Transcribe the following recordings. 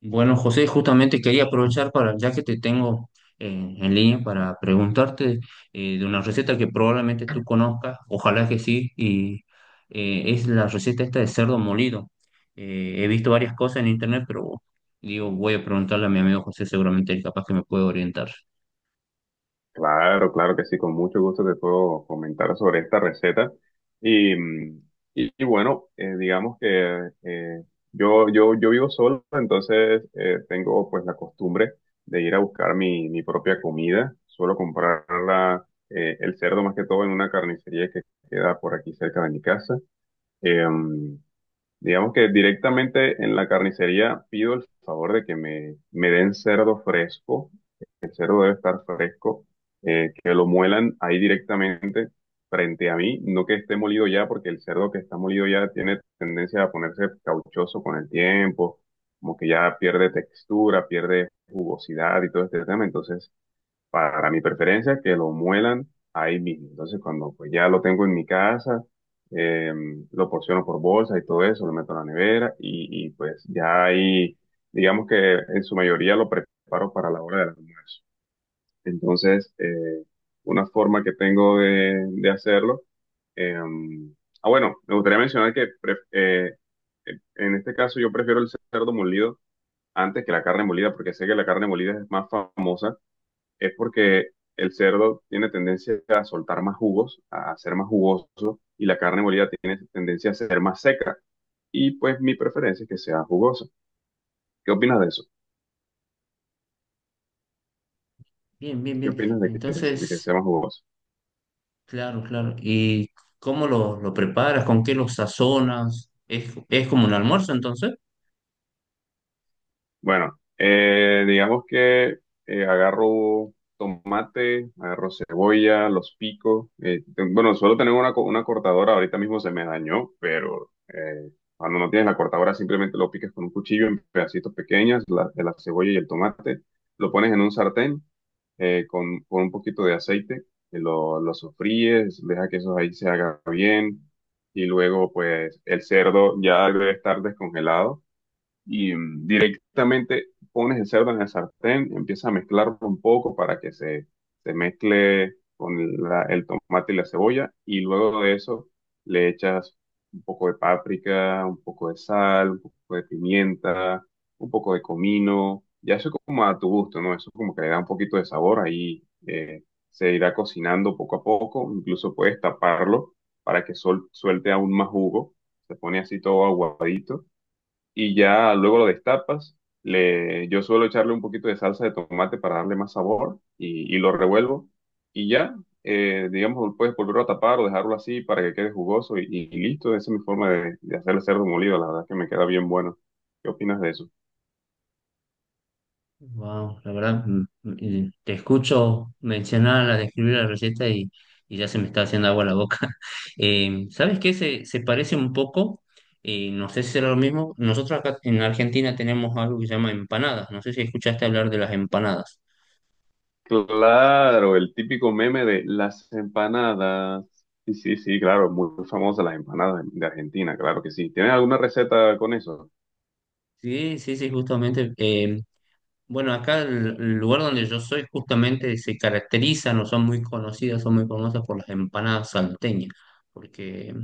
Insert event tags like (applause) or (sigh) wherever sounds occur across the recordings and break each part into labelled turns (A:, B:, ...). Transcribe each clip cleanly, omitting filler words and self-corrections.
A: Bueno, José, justamente quería aprovechar para, ya que te tengo en línea, para preguntarte de una receta que probablemente tú conozcas, ojalá que sí, y es la receta esta de cerdo molido. He visto varias cosas en internet, pero digo, voy a preguntarle a mi amigo José, seguramente él capaz que me puede orientar.
B: Claro, claro que sí, con mucho gusto te puedo comentar sobre esta receta. Y, mm, y bueno, digamos que yo vivo solo, entonces tengo pues la costumbre de ir a buscar mi propia comida. Suelo comprarla, el cerdo más que todo en una carnicería que queda por aquí cerca de mi casa. Eh, mm, digamos que directamente en la carnicería pido el favor de que me den cerdo fresco. El cerdo debe estar fresco, que lo muelan ahí directamente frente a mí, no que esté molido ya, porque el cerdo que está molido ya tiene tendencia a ponerse cauchoso con el tiempo, como que ya pierde textura, pierde jugosidad y todo este tema. Entonces, para mi preferencia, que lo muelan ahí mismo. Entonces, cuando pues ya lo tengo en mi casa, eh, lo porciono por bolsa y todo eso, lo meto en la nevera y pues ya ahí, digamos que en su mayoría lo preparo para la hora del almuerzo. Entonces, una forma que tengo de hacerlo. eh, bueno, me gustaría mencionar que en este caso yo prefiero el cerdo molido antes que la carne molida, porque sé que la carne molida es más famosa, es porque el cerdo tiene tendencia a soltar más jugos, a ser más jugoso, y la carne molida tiene tendencia a ser más seca. Y pues mi preferencia es que sea jugosa. ¿Qué opinas de eso?
A: Bien, bien,
B: ¿Qué
A: bien.
B: opinas de que
A: Entonces,
B: sea más jugoso?
A: claro, claro. ¿Y cómo lo preparas? ¿Con qué lo sazonas? Es como un almuerzo entonces?
B: Bueno, digamos que agarro tomate, agarro cebolla, los pico. Bueno, suelo tener una cortadora, ahorita mismo se me dañó, pero cuando no tienes la cortadora simplemente lo picas con un cuchillo en pedacitos pequeños, la, de la cebolla y el tomate. Lo pones en un sartén con un poquito de aceite, y lo sofríes, deja que eso ahí se haga bien y luego pues el cerdo ya debe estar descongelado y directamente pones el cerdo en el sartén, empiezas a mezclarlo un poco para que se mezcle con el tomate y la cebolla, y luego de eso le echas un poco de páprica, un poco de sal, un poco de pimienta, un poco de comino, ya eso como a tu gusto, ¿no? Eso como que le da un poquito de sabor ahí. Se irá cocinando poco a poco, incluso puedes taparlo para que suelte aún más jugo, se pone así todo aguadito y ya luego lo destapas. Le, yo suelo echarle un poquito de salsa de tomate para darle más sabor y lo revuelvo y ya, digamos, lo puedes volverlo a tapar o dejarlo así para que quede jugoso y listo. Esa es mi forma de hacer el cerdo molido, la verdad que me queda bien bueno. ¿Qué opinas de eso?
A: Wow, la verdad, te escucho mencionar, la describir la receta y ya se me está haciendo agua la boca. (laughs) ¿Sabes qué? Se parece un poco, no sé si será lo mismo. Nosotros acá en Argentina tenemos algo que se llama empanadas. No sé si escuchaste hablar de las empanadas.
B: Claro, el típico meme de las empanadas. Sí, sí, sí, claro, muy famosa las empanadas de Argentina, claro que sí. ¿Tienes alguna receta con eso?
A: Sí, sí, sí, justamente. Bueno, acá el lugar donde yo soy justamente se caracterizan o son muy conocidas, son muy famosas por las empanadas salteñas, porque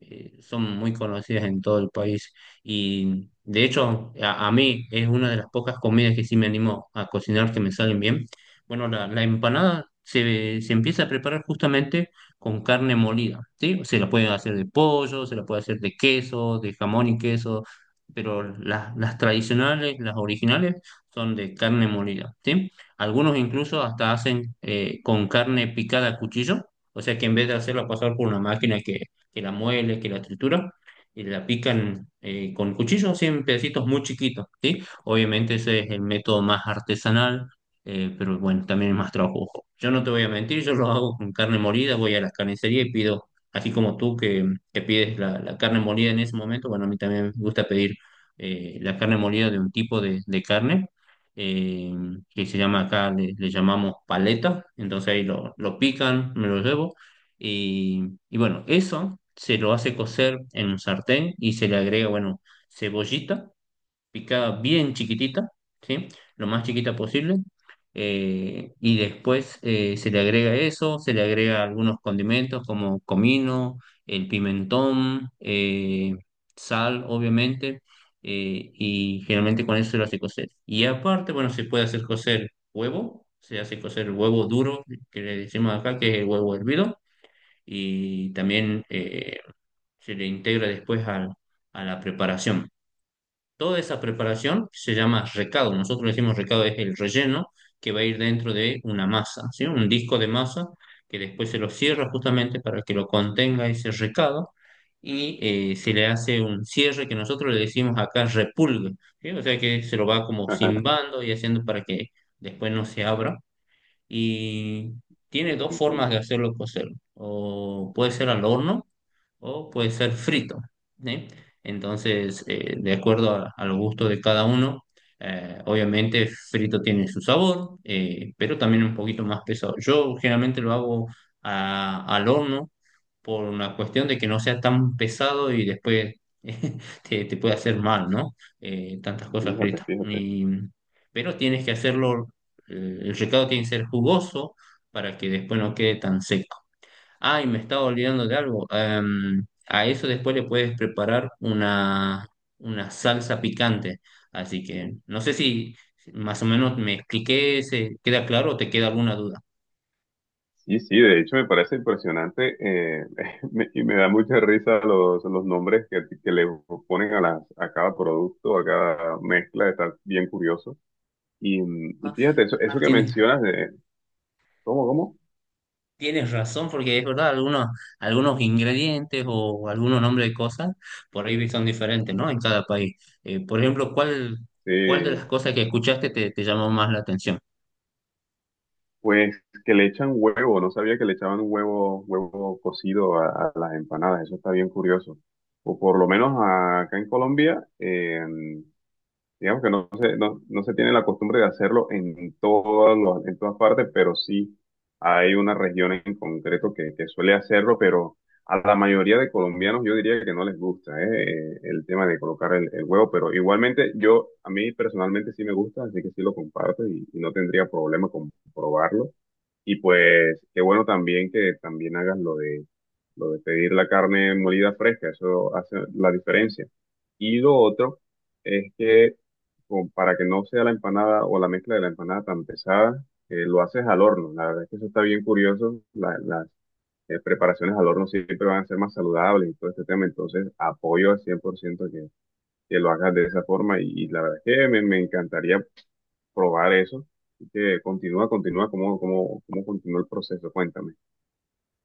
A: son muy conocidas en todo el país. Y de hecho, a mí es una de las pocas comidas que sí me animo a cocinar que me salen bien. Bueno, la empanada se, se empieza a preparar justamente con carne molida, ¿sí? Se la pueden hacer de pollo, se la puede hacer de queso, de jamón y queso, pero las tradicionales, las originales son de carne molida, ¿sí? Algunos incluso hasta hacen con carne picada a cuchillo, o sea que en vez de hacerla pasar por una máquina que la muele, que la tritura, y la pican con cuchillo, así en pedacitos muy chiquitos, ¿sí? Obviamente ese es el método más artesanal, pero bueno, también es más trabajoso. Yo no te voy a mentir, yo lo hago con carne molida, voy a la carnicería y pido, así como tú que pides la carne molida en ese momento, bueno, a mí también me gusta pedir la carne molida de un tipo de carne eh, que se llama acá, le llamamos paleta, entonces ahí lo pican, me lo llevo, y, y bueno, eso se lo hace cocer en un sartén y se le agrega, bueno, cebollita picada bien chiquitita, ¿sí? Lo más chiquita posible. Y después se le agrega eso, se le agrega algunos condimentos como comino, el pimentón, sal, obviamente, y generalmente con eso se lo hace cocer. Y aparte, bueno, se puede hacer cocer huevo, se hace cocer el huevo duro, que le decimos acá, que es el huevo hervido, y también se le integra después a la preparación. Toda esa preparación se llama recado. Nosotros le decimos recado, es el relleno que va a ir dentro de una masa, ¿sí? Un disco de masa que después se lo cierra justamente para que lo contenga ese recado y se le hace un cierre que nosotros le decimos acá repulgue, ¿sí? O sea que se lo va como
B: (laughs)
A: cimbando y haciendo para que después no se abra. Y tiene dos formas de
B: Entiendo.
A: hacerlo cocer. O puede ser al horno o puede ser frito, ¿sí? Entonces, de acuerdo al gusto de cada uno, obviamente frito tiene su sabor, pero también un poquito más pesado. Yo generalmente lo hago al horno por una cuestión de que no sea tan pesado y después (laughs) te puede hacer mal, ¿no? Tantas cosas
B: Fíjate,
A: fritas.
B: fíjate.
A: Pero tienes que hacerlo, el recado tiene que ser jugoso para que después no quede tan seco. Ay, me estaba olvidando de algo. A eso después le puedes preparar una salsa picante. Así que no sé si si más o menos me expliqué, se queda claro o te queda alguna duda.
B: Sí, sí, de hecho me parece impresionante, (laughs) y me da mucha risa los nombres que le ponen a, las, a cada producto, a cada mezcla, está bien curioso. Y
A: Ah,
B: fíjate, eso
A: ah,
B: que
A: tienes,
B: mencionas de, ¿cómo, cómo?
A: tienes razón, porque es verdad, algunos, algunos ingredientes o algunos nombres de cosas por ahí son diferentes, ¿no? En cada país. Por ejemplo, ¿cuál, cuál de las
B: Eh,
A: cosas que escuchaste te, te llamó más la atención?
B: pues que le echan huevo, no sabía que le echaban huevo, huevo cocido a las empanadas, eso está bien curioso. O por lo menos acá en Colombia, digamos que no se, no, no se tiene la costumbre de hacerlo en en todas partes, pero sí hay una región en concreto que suele hacerlo, pero a la mayoría de colombianos yo diría que no les gusta, el tema de colocar el huevo, pero igualmente yo, a mí personalmente sí me gusta, así que sí lo comparto y no tendría problema con probarlo. Y pues qué bueno también que también hagas lo de pedir la carne molida fresca, eso hace la diferencia. Y lo otro es que como para que no sea la empanada o la mezcla de la empanada tan pesada, lo haces al horno. La verdad es que eso está bien curioso. Las preparaciones al horno siempre van a ser más saludables y todo este tema. Entonces apoyo al 100% que lo hagas de esa forma y la verdad es que me encantaría probar eso. Así que continúa, continúa, ¿cómo, cómo, cómo continúa el proceso? Cuéntame.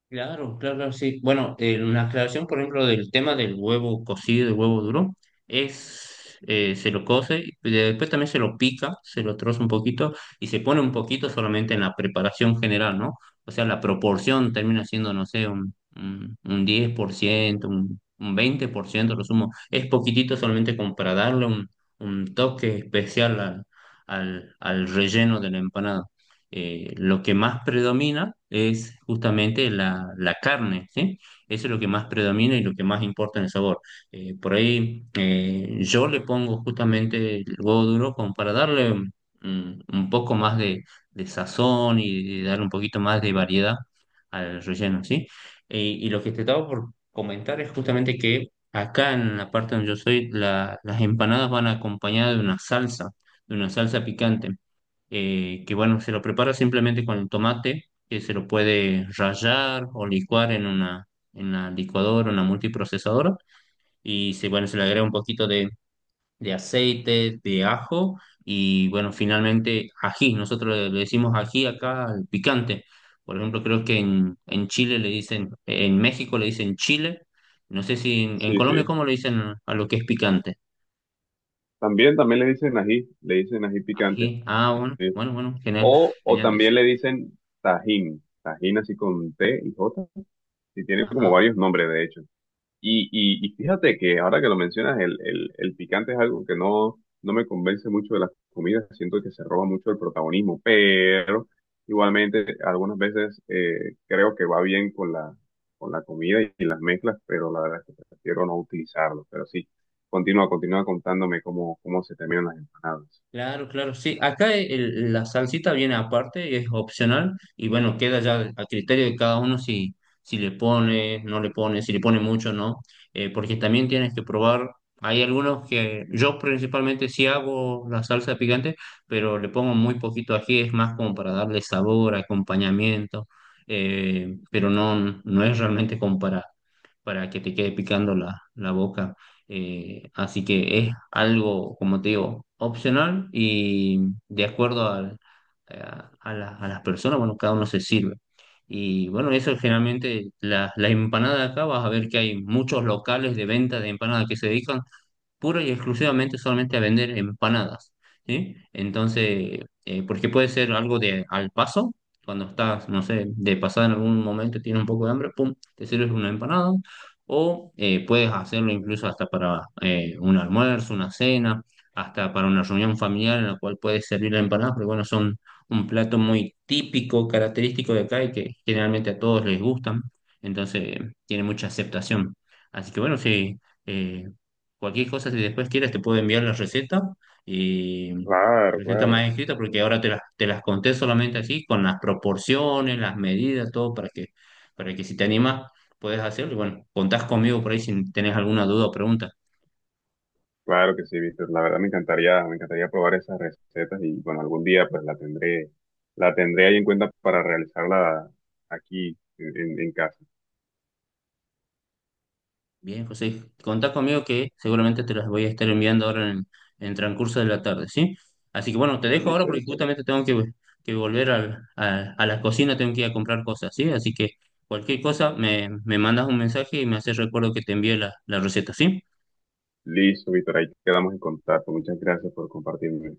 A: Claro, claro, sí. Bueno, una aclaración, por ejemplo, del tema del huevo cocido, del huevo duro, es, se lo cose, y después también se lo pica, se lo troza un poquito y se pone un poquito solamente en la preparación general, ¿no? O sea, la proporción termina siendo, no sé, un 10%, un 20%, lo sumo. Es poquitito solamente como para darle un toque especial al, al, al relleno de la empanada lo que más predomina es justamente la carne, ¿sí? Eso es lo que más predomina y lo que más importa en el sabor. Por ahí yo le pongo justamente el huevo duro como para darle un poco más de sazón y de darle un poquito más de variedad al relleno, ¿sí? Y lo que te estaba por comentar es justamente que acá en la parte donde yo soy, las empanadas van acompañadas de una salsa picante que bueno, se lo prepara simplemente con tomate, que se lo puede rallar o licuar en una, en la licuadora, una multiprocesadora, y se, bueno, se le agrega un poquito de aceite, de ajo, y bueno, finalmente ají, nosotros le decimos ají acá al picante, por ejemplo, creo que en Chile le dicen, en México le dicen chile, no sé si en, en
B: Sí, sí.
A: Colombia cómo le dicen a lo que es picante.
B: También, también le dicen ají picante.
A: Ají, ah, bueno,
B: Sí.
A: bueno, bueno, genial,
B: O
A: genial.
B: también le dicen tajín, tajín así con T y J. Y tiene como
A: Ajá.
B: varios nombres, de hecho. Y fíjate que ahora que lo mencionas, el picante es algo que no, no me convence mucho de las comidas, siento que se roba mucho el protagonismo, pero igualmente algunas veces, creo que va bien con la comida y, las mezclas, pero la verdad es que prefiero no utilizarlo. Pero sí, continúa, continúa contándome cómo, cómo se terminan las empanadas.
A: Claro, claro, sí. Acá la salsita viene aparte, es opcional y bueno, queda ya a criterio de cada uno si, si le pone, no le pone, si le pone mucho no, Porque también tienes que probar. Hay algunos que yo principalmente sí hago la salsa picante, pero le pongo muy poquito ají, es más como para darle sabor, acompañamiento, pero no, no es realmente comparable para que te quede picando la boca. Así que es algo, como te digo, opcional y de acuerdo a, a las personas, bueno, cada uno se sirve. Y bueno, eso generalmente, la empanada acá, vas a ver que hay muchos locales de venta de empanadas que se dedican puro y exclusivamente solamente a vender empanadas, ¿sí? Entonces, porque puede ser algo de al paso, cuando estás, no sé, de pasada en algún momento tienes un poco de hambre, pum, te sirves una empanada, o puedes hacerlo incluso hasta para un almuerzo, una cena, hasta para una reunión familiar en la cual puedes servir la empanada, pero bueno, son un plato muy típico, característico de acá y que generalmente a todos les gustan, entonces tiene mucha aceptación. Así que bueno, sí eh, cualquier cosa, si después quieres, te puedo enviar la receta y la
B: Claro,
A: receta
B: claro.
A: más escrita, porque ahora te las conté solamente así, con las proporciones, las medidas, todo, para que si te animas, puedes hacerlo. Y bueno, contás conmigo por ahí si tenés alguna duda o pregunta.
B: Claro que sí, Víctor. La verdad me encantaría probar esas recetas y bueno, algún día pues la tendré ahí en cuenta para realizarla aquí en, en casa.
A: Bien, José, contá conmigo que seguramente te las voy a estar enviando ahora en transcurso de la tarde, ¿sí? Así que bueno, te dejo ahora
B: Listo,
A: porque
B: listo.
A: justamente tengo que volver a la cocina, tengo que ir a comprar cosas, ¿sí? Así que cualquier cosa me, me mandas un mensaje y me haces recuerdo que te envíe la, la receta, ¿sí?
B: Listo, Víctor. Ahí quedamos en contacto. Muchas gracias por compartirme.